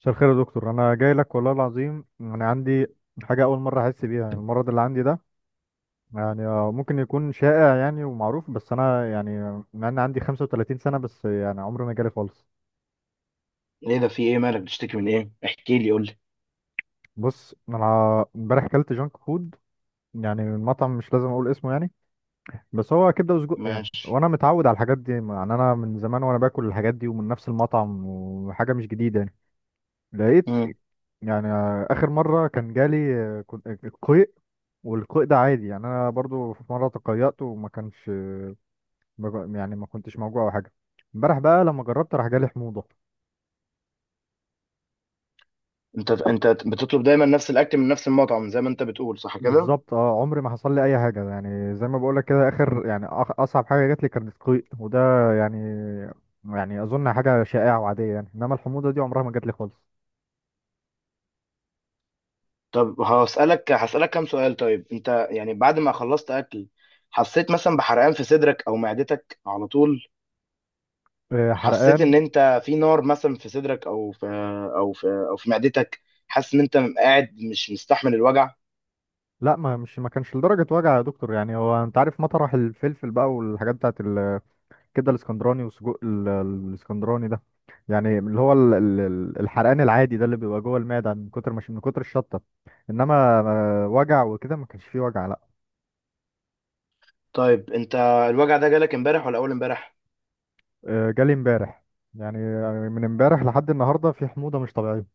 مساء الخير يا دكتور، انا جاي لك والله العظيم. انا عندي حاجه اول مره احس بيها. يعني المرض اللي عندي ده يعني ممكن يكون شائع يعني ومعروف، بس انا يعني مع ان عندي 35 سنه، بس يعني عمري ما جالي خالص. ايه ده؟ في ايه؟ مالك؟ بتشتكي من ايه؟ احكي لي، قول لي. بص، انا امبارح اكلت جانك فود يعني من مطعم مش لازم اقول اسمه يعني. بس هو كبده وسجق يعني، ماشي. وانا متعود على الحاجات دي يعني. انا من زمان وانا باكل الحاجات دي ومن نفس المطعم، وحاجه مش جديده يعني. لقيت مم. يعني اخر مره كان جالي قيء. والقيء ده عادي يعني، انا برضو في مره تقيأت وما كانش ما ج- يعني ما كنتش موجوع او حاجه. امبارح بقى لما جربت راح جالي حموضه. انت بتطلب دايما نفس الاكل من نفس المطعم زي ما انت بتقول، صح كده؟ بالظبط، اه، عمري ما حصل لي اي حاجه، يعني زي ما بقول لك كده. اخر يعني اصعب حاجه جات لي كانت قيء، وده يعني يعني اظن حاجه شائعه وعاديه يعني. انما الحموضه دي عمرها ما جات لي خالص. طب هسألك كام سؤال. طيب انت يعني بعد ما خلصت اكل، حسيت مثلا بحرقان في صدرك او معدتك على طول؟ حسيت ان حرقان. انت في نار مثلا في صدرك او في معدتك؟ حاسس ان انت قاعد مش مستحمل الوجع؟ لا، ما مش ما كانش لدرجه وجع يا دكتور. يعني هو انت عارف مطرح الفلفل بقى والحاجات بتاعت كده الاسكندراني، وسجق الاسكندراني ده، يعني اللي هو الحرقان العادي ده اللي بيبقى جوه المعده من كتر، مش من كتر الشطه. انما وجع وكده ما كانش فيه وجع، لا. طيب انت، الوجع ده جالك امبارح ولا اول امبارح؟ جالي امبارح. يعني من امبارح لحد النهارده في حموضه مش طبيعيه.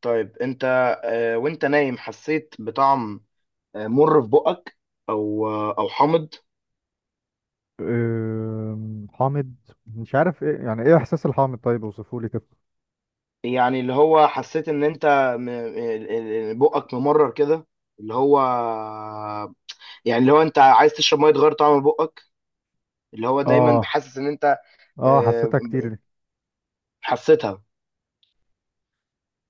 طيب انت، وانت نايم حسيت بطعم مر في بقك، او حامض؟ حامض. مش عارف ايه يعني، ايه احساس الحامض؟ طيب اوصفه لي كده. يعني اللي هو حسيت ان انت م- ال- بقك ممرر كده، اللي هو يعني اللي هو انت عايز تشرب ميه تغير طعم بقك، اللي هو دايما اه، حاسس ان انت، اه، آه، حسيتها كتير دي. حسيتها.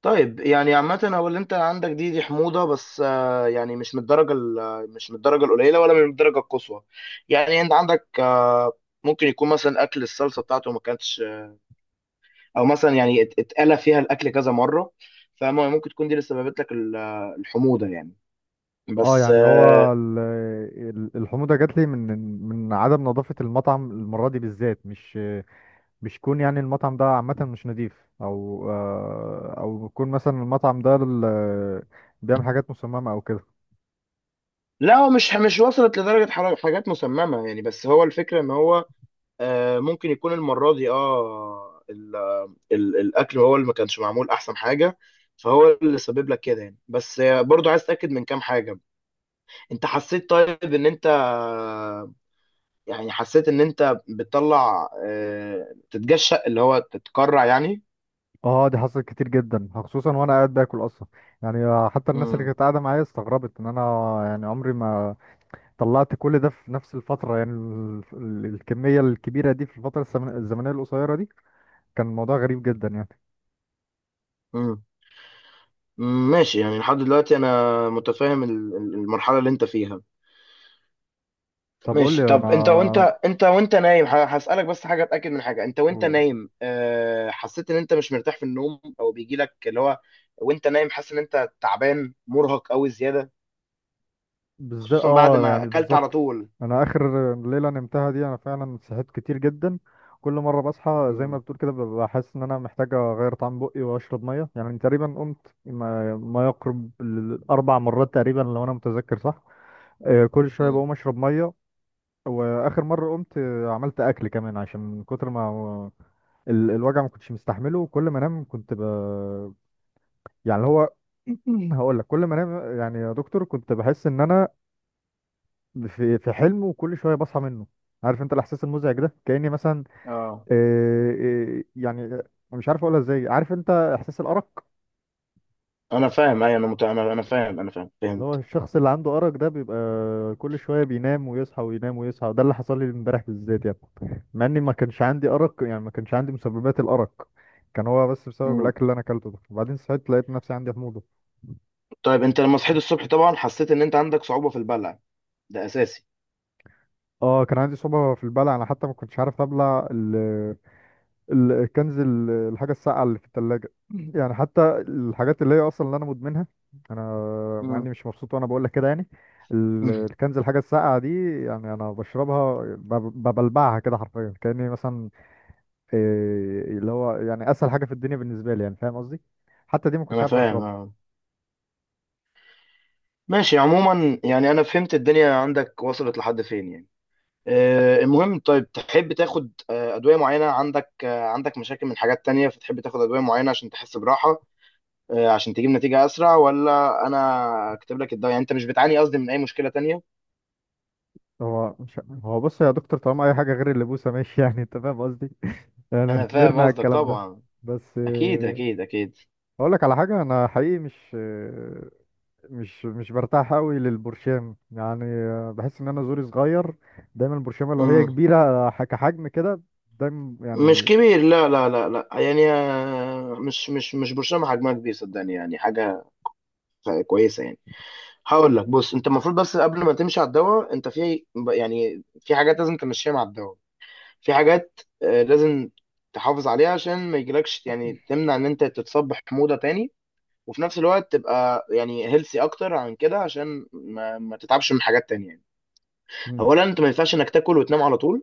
طيب يعني عامة، هو اللي انت عندك دي حموضة، بس يعني مش من الدرجة القليلة ولا من الدرجة القصوى. يعني انت عندك ممكن يكون مثلا اكل الصلصة بتاعته ما كانتش، او مثلا يعني اتقلى فيها الاكل كذا مره، فممكن تكون دي اللي سببت لك الحموضه يعني، اه، بس يعني هو الحموضه جات لي من من عدم نظافه المطعم، المره دي بالذات. مش يكون يعني المطعم ده عامة مش نضيف، أو أو يكون مثلا المطعم ده بيعمل حاجات مصممة أو كده. لا هو مش وصلت لدرجه حاجات مسممه يعني، بس هو الفكره ان هو ممكن يكون المره دي الاكل هو اللي ما كانش معمول احسن حاجه. فهو اللي سبب لك كده يعني، بس برضو عايز اتاكد من كام حاجه. انت حسيت طيب ان انت يعني حسيت ان انت بتطلع تتجشأ، اللي هو تتكرع يعني؟ اه، دي حصلت كتير جدا، خصوصا وانا قاعد باكل اصلا. يعني حتى الناس اللي كانت قاعده معايا استغربت ان انا يعني عمري ما طلعت كل ده في نفس الفتره. يعني الكميه الكبيره دي في الفتره الزمنيه القصيره دي كان الموضوع غريب جدا يعني. امم. ماشي، يعني لحد دلوقتي انا متفاهم المرحله اللي انت فيها. طب قول لي ماشي. طب انت وانت، انا انت وانت نايم، هسالك بس حاجه، اتاكد من حاجه. انت وانت قول. نايم، حسيت ان انت مش مرتاح في النوم، او بيجي لك اللي هو وانت نايم حاسس ان انت تعبان مرهق قوي زياده بالذات، خصوصا بعد اه، ما يعني اكلت على بالظبط. طول؟ انا اخر ليله نمتها دي انا فعلا صحيت كتير جدا. كل مره بصحى زي ما امم. بتقول كده ببقى حاسس ان انا محتاج اغير طعم بقي واشرب ميه. يعني تقريبا قمت ما يقرب الاربع مرات تقريبا، لو انا متذكر صح. كل شويه امم. بقوم اشرب ميه. واخر مره قمت عملت اكل كمان، عشان من كتر ما الوجع ما كنتش مستحمله. وكل ما انام كنت ب... يعني اللي هو هقول لك، كل ما انام يعني يا دكتور كنت بحس ان انا في في حلم، وكل شويه بصحى منه. عارف انت الاحساس المزعج ده، كاني مثلا اه آه، آه، يعني آه، مش عارف اقولها ازاي. عارف انت احساس الارق؟ انا فاهم. اي انا انا فاهم، انا فاهم، اللي هو فهمت. الشخص اللي عنده ارق ده بيبقى كل شويه بينام ويصحى وينام ويصحى. ده اللي حصل لي امبارح بالذات يعني، مع اني ما كانش عندي ارق، يعني ما كانش عندي مسببات الارق. كان هو بس بسبب امم. الاكل اللي انا اكلته ده. وبعدين صحيت لقيت نفسي عندي حموضه. طيب انت لما صحيت الصبح طبعا حسيت ان انت عندك صعوبه في البلع، ده اساسي. اه، كان عندي صعوبه في البلع، انا حتى ما كنتش عارف ابلع الكنز الحاجة الساقعة اللي في التلاجة يعني حتى الحاجات اللي هي أصلا اللي أنا مدمنها أنا، مع إني امم. مش مبسوط وأنا بقول لك كده يعني. الكنز الحاجة الساقعة دي، يعني أنا بشربها ببلبعها كده حرفيا، كأني مثلا اللي هو يعني أسهل حاجة في الدنيا بالنسبة لي، يعني فاهم قصدي. حتى دي ما كنتش انا عارف فاهم أشربها. اه. ماشي، عموما يعني انا فهمت الدنيا عندك وصلت لحد فين يعني. المهم، طيب تحب تاخد ادويه معينه؟ عندك، عندك مشاكل من حاجات تانية فتحب تاخد ادويه معينه عشان تحس براحه، عشان تجيب نتيجه اسرع؟ ولا انا اكتب لك الدواء، يعني انت مش بتعاني قصدي من اي مشكله تانية؟ هو مش هو بص يا دكتور، طالما أي حاجة غير اللبوسة ماشي يعني أنت فاهم قصدي، يعني انا فاهم كبرنا على قصدك الكلام ده. طبعا. بس اكيد، اكيد، اكيد. أقول لك على حاجة. أنا حقيقي مش مش برتاح قوي للبرشام. يعني بحس ان انا زوري صغير. دايما البرشامه لو هي مم. كبيره كحجم كده، دايما مش يعني. كبير، لا، لا، لا، لا، يعني مش برشام حجمها كبير، صدقني، يعني حاجه كويسه يعني. هقول لك، بص، انت المفروض، بس قبل ما تمشي على الدواء، انت في، يعني في حاجات لازم تمشيها مع الدواء، في حاجات لازم تحافظ عليها عشان ما يجيلكش، يعني تمنع ان انت تتصاب بحموضه تاني، وفي نفس الوقت تبقى يعني هيلثي اكتر عن كده عشان ما تتعبش من حاجات تانية يعني. مم. اولا، انت ما ينفعش انك تاكل وتنام على طول،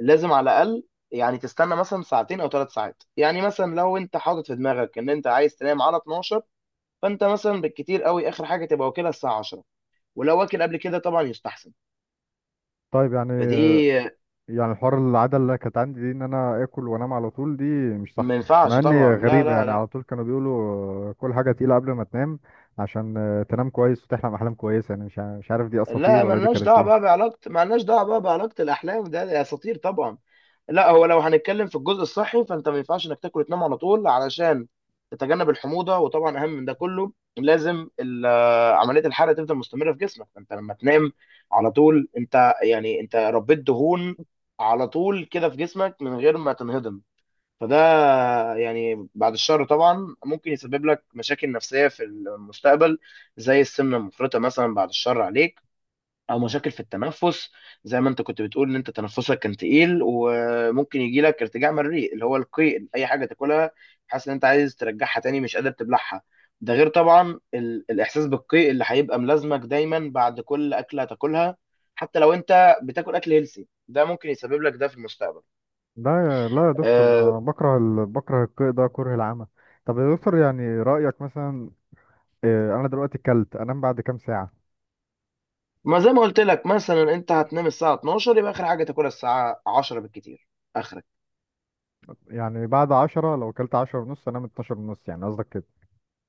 لازم على الاقل يعني تستنى مثلا ساعتين او 3 ساعات. يعني مثلا لو انت حاطط في دماغك ان انت عايز تنام على 12، فانت مثلا بالكتير قوي اخر حاجه تبقى واكلها الساعه 10، ولو واكل قبل كده طبعا يستحسن. طيب يعني، فدي. يعني الحوار العاده اللي كانت عندي دي، ان انا اكل وانام على طول، دي مش صح. ما مع ينفعش اني طبعا، لا، غريبه، لا، يعني لا. على طول كانوا بيقولوا كل حاجه تقيله قبل ما تنام عشان تنام كويس وتحلم احلام كويسه. يعني مش عارف دي اساطير لا، ولا دي كانت ايه. مالناش دعوه بقى بعلاقه الاحلام، ده اساطير طبعا. لا، هو لو هنتكلم في الجزء الصحي، فانت ما ينفعش انك تاكل وتنام على طول علشان تتجنب الحموضه. وطبعا اهم من ده كله، لازم عمليه الحرق تفضل مستمره في جسمك. فانت لما تنام على طول، انت يعني انت ربيت دهون على طول كده في جسمك من غير ما تنهضم. فده يعني بعد الشر طبعا ممكن يسبب لك مشاكل نفسية في المستقبل، زي السمنة المفرطة مثلا، بعد الشر عليك، أو مم. مشاكل في التنفس، زي ما أنت كنت بتقول إن أنت تنفسك كان تقيل، وممكن يجي لك ارتجاع مريء، اللي هو القيء، أي حاجة تاكلها حاسس إن أنت عايز ترجعها تاني، مش قادر تبلعها. ده غير طبعا الإحساس بالقيء اللي هيبقى ملازمك دايما بعد كل أكلة هتاكلها. حتى لو أنت بتاكل أكل هيلسي، ده ممكن يسبب لك ده في المستقبل. لا، لا يا دكتور، ده آه، أنا بكره ال... بكره القيء ده كره العمى. طب يا دكتور يعني رأيك مثلا انا دلوقتي اكلت انام بعد كام ساعه؟ ما زي ما قلت لك مثلا انت هتنام الساعه 12، يبقى اخر حاجه تاكلها الساعه 10 بالكتير، اخرك. يعني بعد عشرة، لو اكلت عشرة ونص انام اتناشر ونص يعني، قصدك كده؟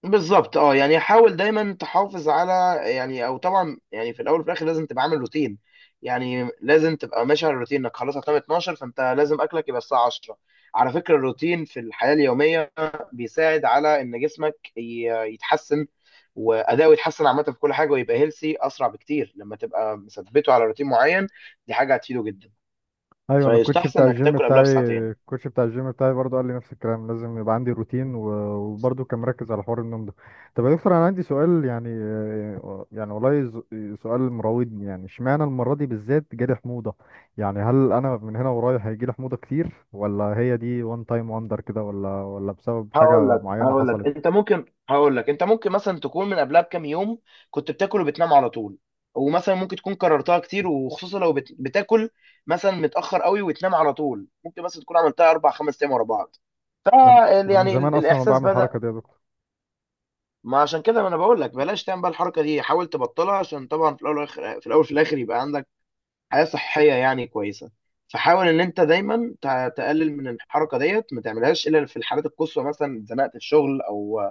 بالظبط، اه، يعني حاول دايما تحافظ على، يعني، او طبعا يعني في الاول وفي الاخر لازم تبقى عامل روتين. يعني لازم تبقى ماشي على الروتين، انك خلاص هتنام 12 فانت لازم اكلك يبقى الساعه 10. على فكره، الروتين في الحياه اليوميه بيساعد على ان جسمك يتحسن، واداؤه يتحسن عامه في كل حاجه، ويبقى هيلسي اسرع بكتير لما تبقى مثبته على روتين معين. دي حاجه هتفيده جدا. ايوه، انا الكوتش فيستحسن بتاع انك الجيم تاكل قبلها بتاعي بساعتين. الكوتش بتاع الجيم بتاعي برضو قال لي نفس الكلام، لازم يبقى عندي روتين، وبرضو كان مركز على حوار النوم ده. طب يا دكتور انا عندي سؤال، يعني يعني والله سؤال مراودني. يعني اشمعنى المره دي بالذات جالي حموضه؟ يعني هل انا من هنا ورايح هيجي لي حموضه كتير، ولا هي دي وان تايم وندر كده، ولا بسبب هقول حاجه لك معينه هقول لك حصلت؟ انت ممكن هقول لك انت ممكن مثلا تكون من قبلها بكام يوم كنت بتاكل وبتنام على طول، ومثلا ممكن تكون كررتها كتير، وخصوصا لو بتاكل مثلا متاخر قوي وتنام على طول، ممكن مثلا تكون عملتها اربع خمس ايام ورا بعض. ف. انا، أنا من يعني زمان اصلا ما الاحساس بعمل بدا. الحركه دي يا دكتور. ما عشان كده، ما انا بقول لك بلاش تعمل بقى الحركه دي، حاول تبطلها، عشان طبعا في الاول والاخر، في الاول في الاخر يبقى عندك حياة صحية يعني كويسة. فحاول ان انت دايما تقلل من الحركة ديت، ما تعملهاش الا في الحالات القصوى، مثلا اتزنقت في شغل، او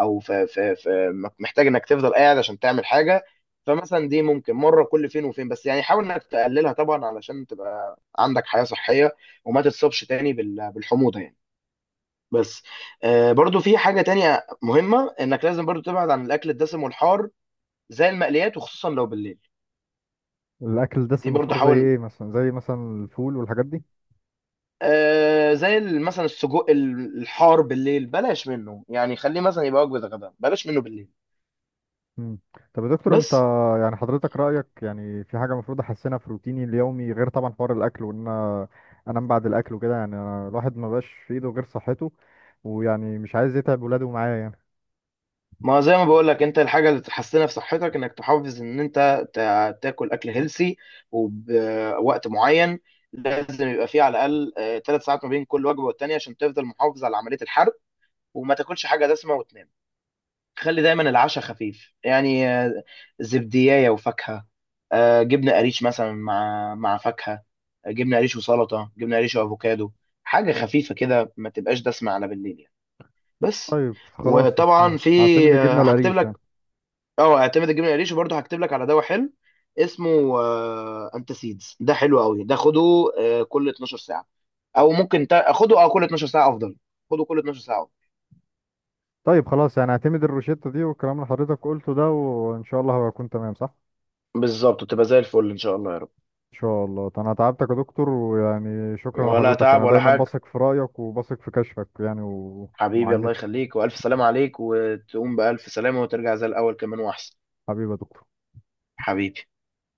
او في, محتاج انك تفضل قاعد عشان تعمل حاجة. فمثلا دي ممكن مرة كل فين وفين، بس يعني حاول انك تقللها طبعا علشان تبقى عندك حياة صحية وما تتصابش تاني بالحموضة يعني. بس برضو في حاجة تانية مهمة، انك لازم برضو تبعد عن الاكل الدسم والحار زي المقليات، وخصوصا لو بالليل. الاكل دي الدسم برضو والحار زي حاول، ايه مثلا؟ زي مثلا الفول والحاجات دي؟ زي مثلا السجق الحار بالليل بلاش منه، يعني خليه مثلا يبقى وجبه غدا، بلاش منه بالليل. مم. طب يا دكتور انت، بس يعني حضرتك رايك يعني في حاجه المفروض احسنها في روتيني اليومي، غير طبعا حوار الاكل وان انا انام بعد الاكل وكده؟ يعني أنا الواحد ما بقاش في ايده غير صحته، ويعني مش عايز يتعب ولاده معاه يعني. ما زي ما بقول لك، انت الحاجه اللي تحسنها في صحتك انك تحافظ ان انت تاكل اكل هيلسي وبوقت معين. لازم يبقى فيه على الاقل 3 ساعات ما بين كل وجبه والتانيه عشان تفضل محافظ على عمليه الحرق، وما تاكلش حاجه دسمه وتنام. خلي دايما العشاء خفيف، يعني زبدية وفاكهة، جبنة قريش مثلا مع فاكهة، جبنة قريش وسلطة، جبنة قريش وأفوكادو، حاجة خفيفة كده، ما تبقاش دسمة على بالليل يعني. بس، طيب خلاص، وطبعا في، هعتمد الجبنه هكتب القريش لك. يعني. اه اعتمد الجبنة قريش، وبرضه هكتب لك على دواء حلو اسمه انتاسيدز، ده حلو قوي، ده خده كل 12 ساعة. او ممكن خده، اه، كل 12 ساعة افضل. خده كل 12 ساعة أفضل. طيب خلاص، يعني هعتمد الروشته دي والكلام اللي حضرتك قلته ده، وان شاء الله هبقى اكون تمام، صح؟ بالظبط تبقى زي الفل ان شاء الله يا رب. ان شاء الله. انا تعبتك يا دكتور، ويعني شكرا ولا لحضرتك. تعب انا ولا دايما حاجة. بثق في رايك وبثق في كشفك يعني حبيبي، ومعاينه. الله يخليك، والف سلام عليك، وتقوم بالف سلامه، وترجع زي الاول كمان واحسن. حبيبي يا دكتور. حبيبي.